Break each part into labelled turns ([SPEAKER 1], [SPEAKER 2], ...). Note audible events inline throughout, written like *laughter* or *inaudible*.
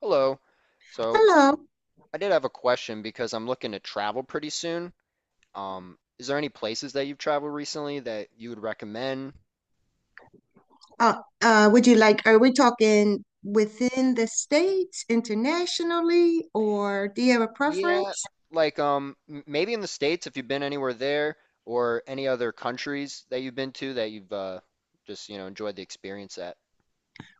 [SPEAKER 1] Hello. So,
[SPEAKER 2] Hello.
[SPEAKER 1] I did have a question because I'm looking to travel pretty soon. Is there any places that you've traveled recently that you would recommend?
[SPEAKER 2] Are we talking within the states, internationally, or do you have a
[SPEAKER 1] Yeah,
[SPEAKER 2] preference?
[SPEAKER 1] like maybe in the States if you've been anywhere there, or any other countries that you've been to that you've just, enjoyed the experience at.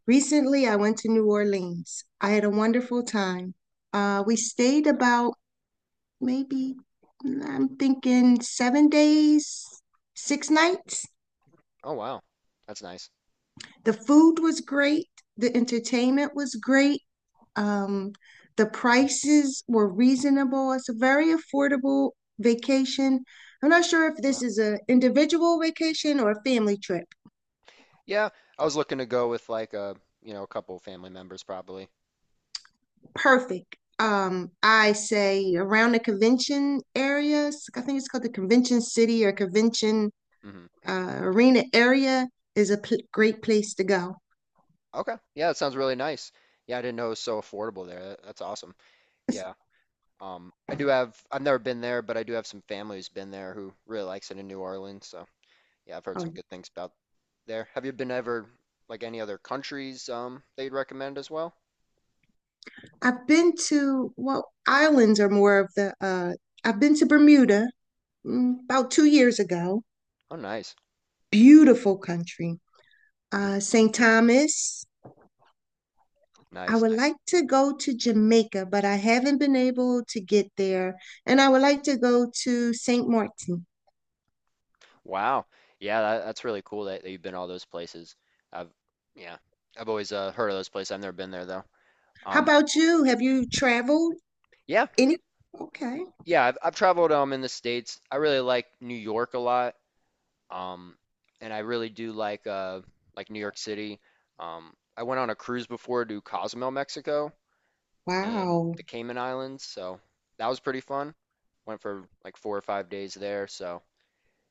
[SPEAKER 2] Recently, I went to New Orleans. I had a wonderful time. We stayed about maybe, I'm thinking 7 days, six nights.
[SPEAKER 1] Oh wow. That's nice.
[SPEAKER 2] The food was great. The entertainment was great. Um, the prices were reasonable. It's a very affordable vacation. I'm not sure if this
[SPEAKER 1] Wow.
[SPEAKER 2] is an individual vacation or a family trip.
[SPEAKER 1] Yeah, I was looking to go with a couple of family members probably.
[SPEAKER 2] Perfect. I say around the convention areas. I think it's called the Convention City or Convention
[SPEAKER 1] Hmm.
[SPEAKER 2] Arena area is a great place to go.
[SPEAKER 1] Okay, yeah, that sounds really nice. Yeah, I didn't know it was so affordable there. That's awesome. Yeah. I've never been there, but I do have some family who's been there who really likes it in New Orleans. So yeah, I've heard
[SPEAKER 2] Oh,
[SPEAKER 1] some good things about there. Have you been ever like any other countries that you'd recommend as well?
[SPEAKER 2] I've been to, well, islands are more of the, I've been to Bermuda. About 2 years ago.
[SPEAKER 1] Oh, nice.
[SPEAKER 2] Beautiful country.
[SPEAKER 1] *laughs*
[SPEAKER 2] St. Thomas. I
[SPEAKER 1] Nice,
[SPEAKER 2] would like
[SPEAKER 1] nice.
[SPEAKER 2] to go to Jamaica, but I haven't been able to get there. And I would like to go to St. Martin.
[SPEAKER 1] Wow. Yeah, that's really cool that, that you've been all those places. I've yeah, I've always heard of those places. I've never been there though.
[SPEAKER 2] How
[SPEAKER 1] Um,
[SPEAKER 2] about you? Have you traveled
[SPEAKER 1] yeah,
[SPEAKER 2] any? Okay.
[SPEAKER 1] yeah. I've traveled in the States. I really like New York a lot. Um, and I really do like New York City. I went on a cruise before to Cozumel, Mexico, and
[SPEAKER 2] Wow.
[SPEAKER 1] the Cayman Islands, so that was pretty fun. Went for like 4 or 5 days there, so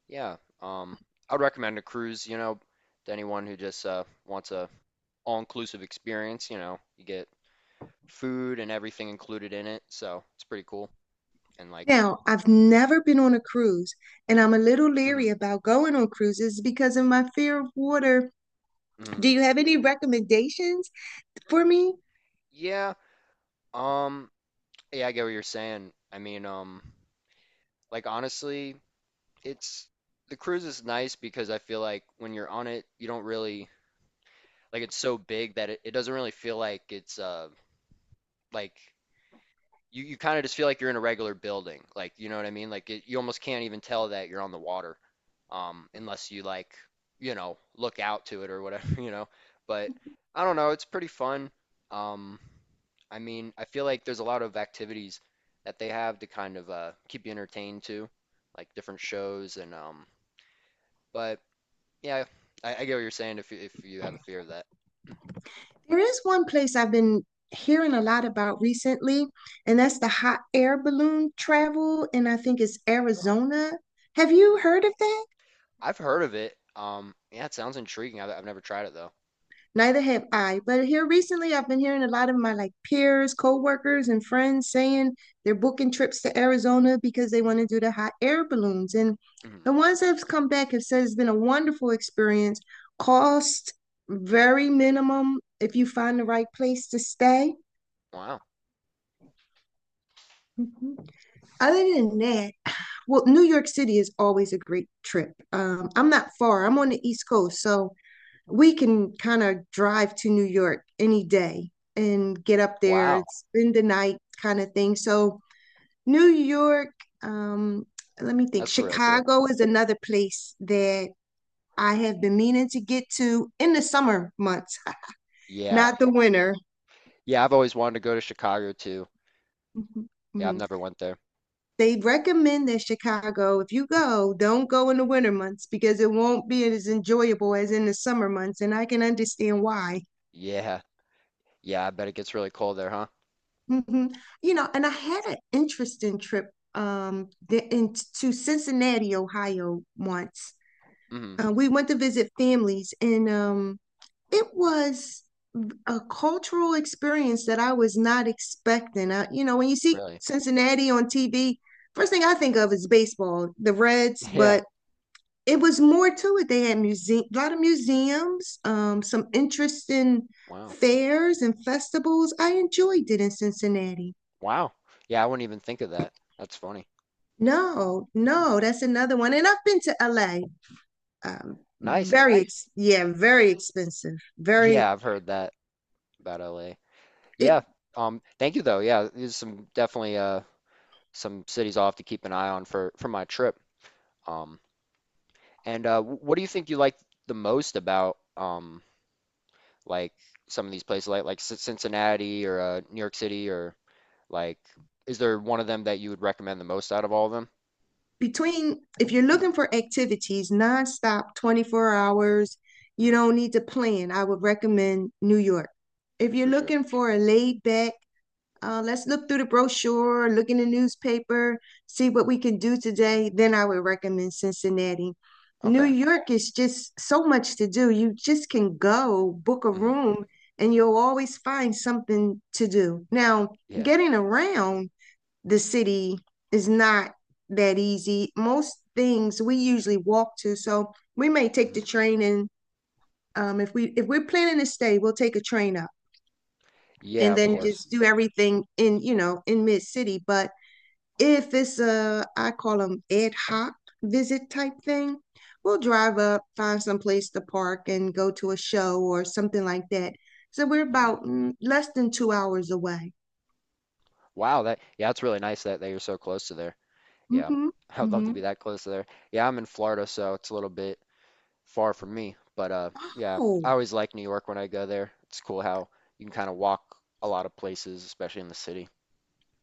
[SPEAKER 1] yeah. I would recommend a cruise, you know, to anyone who just wants a all-inclusive experience. You know, you get food and everything included in it, so it's pretty cool. And like, you
[SPEAKER 2] Now, I've never been on a cruise, and I'm a little
[SPEAKER 1] know, mhm,
[SPEAKER 2] leery about going on cruises because of my fear of water. Do
[SPEAKER 1] mhm.
[SPEAKER 2] you have any recommendations for me?
[SPEAKER 1] Yeah. Um, yeah, I get what you're saying. I mean, like honestly. It's The cruise is nice because I feel like when you're on it, you don't really it's so big that it doesn't really feel like it's like you kind of just feel like you're in a regular building. Like, you know what I mean? Like you almost can't even tell that you're on the water unless you you know, look out to it or whatever, *laughs* you know. But I don't know, it's pretty fun. Um I mean, I feel like there's a lot of activities that they have to kind of keep you entertained too, like different shows and but Yeah, I get what you're saying if if you have a fear of that. *clears throat*
[SPEAKER 2] There is one place I've been hearing a lot about recently, and that's the hot air balloon travel, and I think it's
[SPEAKER 1] Oh.
[SPEAKER 2] Arizona. Have you heard of that?
[SPEAKER 1] I've heard of it. Yeah, it sounds intriguing. I've never tried it though.
[SPEAKER 2] Neither have I. But here recently, I've been hearing a lot of my like peers, coworkers, and friends saying they're booking trips to Arizona because they want to do the hot air balloons. And
[SPEAKER 1] Hmm.
[SPEAKER 2] the ones that have come back have said it's been a wonderful experience. Cost very minimum if you find the right place to stay.
[SPEAKER 1] Wow.
[SPEAKER 2] Mhm. Other than that, well, New York City is always a great trip. I'm not far. I'm on the East Coast, so we can kind of drive to New York any day and get up there and
[SPEAKER 1] Wow.
[SPEAKER 2] spend the night kind of thing. So New York, um, let me think.
[SPEAKER 1] That's cool, really cool.
[SPEAKER 2] Chicago is another place that I have been meaning to get to in the summer months,
[SPEAKER 1] Yeah.
[SPEAKER 2] not the winter.
[SPEAKER 1] Yeah, I've always wanted to go to Chicago too.
[SPEAKER 2] Mhm,
[SPEAKER 1] Yeah, I've
[SPEAKER 2] mhm.
[SPEAKER 1] never went there.
[SPEAKER 2] They recommend that Chicago, if you go, don't go in the winter months because it won't be as enjoyable as in the summer months, and I can understand why.
[SPEAKER 1] Yeah. Yeah, I bet it gets really cold there, huh?
[SPEAKER 2] Hmm. You know, and I had an interesting trip um the, in, to Cincinnati, Ohio once.
[SPEAKER 1] Hmm.
[SPEAKER 2] We went to visit families, and it was a cultural experience that I was not expecting. I, you know, when you see
[SPEAKER 1] Really?
[SPEAKER 2] Cincinnati on TV, first thing I think of is baseball, the Reds,
[SPEAKER 1] *laughs* Yeah.
[SPEAKER 2] but it was more to it. They had museum, a lot of museums, some interesting
[SPEAKER 1] Wow.
[SPEAKER 2] fairs and festivals. I enjoyed it in Cincinnati.
[SPEAKER 1] Wow, Yeah, I wouldn't even think of that. That's funny.
[SPEAKER 2] No, no, that's another one. And I've been to LA.
[SPEAKER 1] Nice.
[SPEAKER 2] Very, ex Yeah, very expensive. Very,
[SPEAKER 1] Yeah, I've heard that about LA.
[SPEAKER 2] it
[SPEAKER 1] Yeah. Thank you though. Yeah, these are some definitely some cities I'll have to keep an eye on for my trip. Um, what do you think you like the most about like some of these places, like Cincinnati or New York City, or like is there one of them that you would recommend the most out of all of them?
[SPEAKER 2] Between, if you're looking for activities nonstop, 24 hours, you
[SPEAKER 1] Hmm,
[SPEAKER 2] don't need to plan. I would recommend New York. If you're
[SPEAKER 1] for sure.
[SPEAKER 2] looking for a laid back let's look through the brochure, look in the newspaper, see what we can do today. Then I would recommend Cincinnati. New
[SPEAKER 1] Okay.
[SPEAKER 2] York is just so much to do. You just can go book a
[SPEAKER 1] Hmm.
[SPEAKER 2] room and you'll always find something to do. Now,
[SPEAKER 1] Yeah.
[SPEAKER 2] getting around the city is not that easy. Most things we usually walk to, so we may take the
[SPEAKER 1] Hmm.
[SPEAKER 2] train and if we're planning to stay, we'll take a train up
[SPEAKER 1] Yeah,
[SPEAKER 2] and
[SPEAKER 1] of
[SPEAKER 2] then yeah,
[SPEAKER 1] course.
[SPEAKER 2] just do everything in, you know, in mid city. But if it's a, I call them ad hoc visit type thing, we'll drive up, find some place to park and go to a show or something like that. So we're
[SPEAKER 1] Hmm.
[SPEAKER 2] about less than 2 hours away.
[SPEAKER 1] Wow, that's really nice that that you're so close to there. Yeah,
[SPEAKER 2] Hmm.
[SPEAKER 1] *laughs* I'd love to be
[SPEAKER 2] Hmm.
[SPEAKER 1] that close to there. Yeah, I'm in Florida, so it's a little bit far from me. But yeah, I
[SPEAKER 2] Oh,
[SPEAKER 1] always like New York when I go there. It's cool how you can kind of walk a lot of places, especially in the city.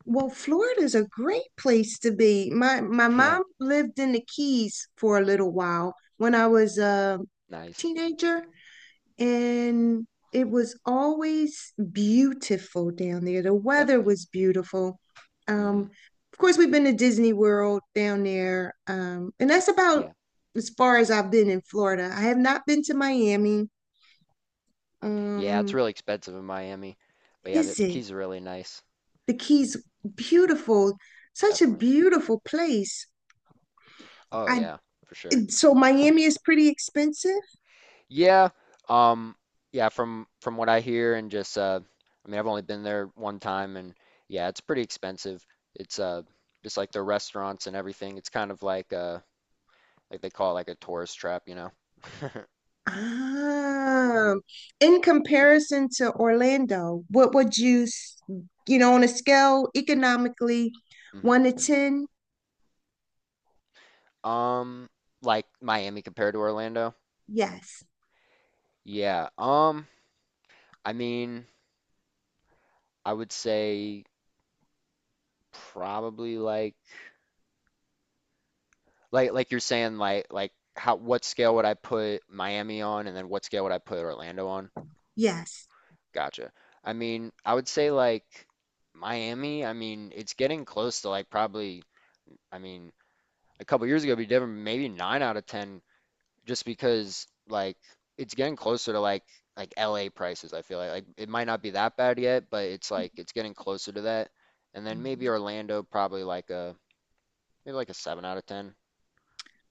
[SPEAKER 2] well, Florida's a great place to be. My
[SPEAKER 1] *laughs* Yeah,
[SPEAKER 2] mom lived in the Keys for a little while when I was a
[SPEAKER 1] nice,
[SPEAKER 2] teenager, and it was always beautiful down there. The weather
[SPEAKER 1] definitely.
[SPEAKER 2] was beautiful.
[SPEAKER 1] Hmm.
[SPEAKER 2] Um, of course, we've been to Disney World down there, and that's about
[SPEAKER 1] Yeah,
[SPEAKER 2] as far as I've been in Florida. I have not been to Miami.
[SPEAKER 1] yeah, it's
[SPEAKER 2] Um,
[SPEAKER 1] really expensive in Miami, but yeah,
[SPEAKER 2] is
[SPEAKER 1] the
[SPEAKER 2] it
[SPEAKER 1] Keys are really nice,
[SPEAKER 2] the Keys? Beautiful, such a
[SPEAKER 1] definitely.
[SPEAKER 2] beautiful place.
[SPEAKER 1] Oh
[SPEAKER 2] I
[SPEAKER 1] yeah, for sure.
[SPEAKER 2] So Miami is pretty expensive.
[SPEAKER 1] Yeah, um, yeah, from what I hear and just I mean, I've only been there one time, and yeah, it's pretty expensive. It's just like the restaurants and everything. It's kind of like they call it like a tourist trap, you know.
[SPEAKER 2] Ah, in comparison to Orlando, what would you, you know, on a scale economically,
[SPEAKER 1] Mhm.
[SPEAKER 2] one to ten?
[SPEAKER 1] Um, like Miami compared to Orlando?
[SPEAKER 2] Yes,
[SPEAKER 1] Yeah. I mean, I would say probably like you're saying like, how, what scale would I put Miami on, and then what scale would I put Orlando on?
[SPEAKER 2] yes.
[SPEAKER 1] Gotcha. I mean, I would say Miami, I mean, it's getting close to like probably I mean, a couple years ago it'd be different, maybe 9 out of 10 just because it's getting closer to LA prices, I feel like. Like it might not be that bad yet, but it's getting closer to that. And then maybe Orlando probably like a 7 out of 10.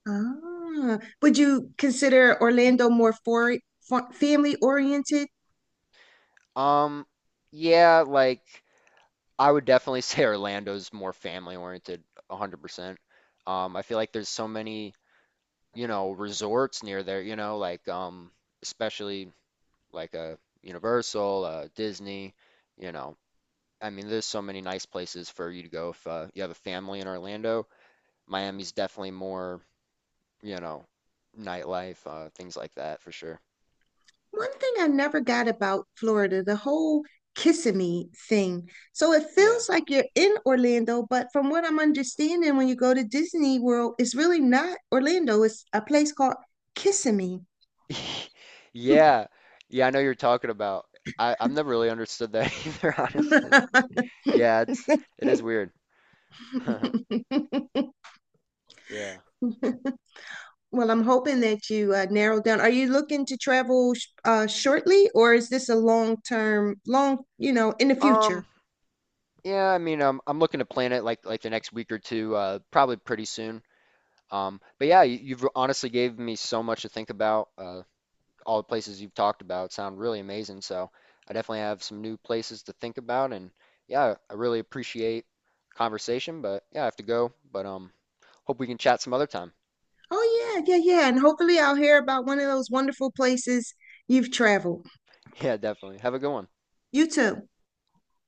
[SPEAKER 2] Ah, would you consider Orlando more for family oriented?
[SPEAKER 1] Um yeah, I would definitely *laughs* say Orlando's more family oriented, 100%. Um, I feel like there's so many, you know, resorts near there, you know, like especially like a Universal, Disney, you know, I mean, there's so many nice places for you to go if you have a family in Orlando. Miami's definitely more, you know, nightlife, things like that for sure.
[SPEAKER 2] One thing I never got about Florida, the whole Kissimmee thing. So it
[SPEAKER 1] Yeah.
[SPEAKER 2] feels like you're in Orlando, but from what I'm understanding, when you go to Disney World, it's really not Orlando. It's a place called Kissimmee.
[SPEAKER 1] *laughs* Yeah. Yeah, I know you're talking about. I've never really understood that *laughs* either, honestly.
[SPEAKER 2] *laughs*
[SPEAKER 1] Yeah, it is weird. Yeah.
[SPEAKER 2] Well, I'm hoping that you narrow down. Are you looking to travel shortly, or is this a long term, long, you know, in the future?
[SPEAKER 1] Um, yeah, I mean, I'm looking to plan it like the next week or two, probably pretty soon. But yeah, you've honestly gave me so much to think about. All the places you've talked about sound really amazing. So I definitely have some new places to think about. And yeah, I really appreciate conversation, but yeah, I have to go. But hope we can chat some other time. *laughs*
[SPEAKER 2] Oh, yeah, yeah, yeah. And hopefully I'll hear about one of those wonderful places you've traveled.
[SPEAKER 1] Yeah, definitely. Have a good one.
[SPEAKER 2] You too.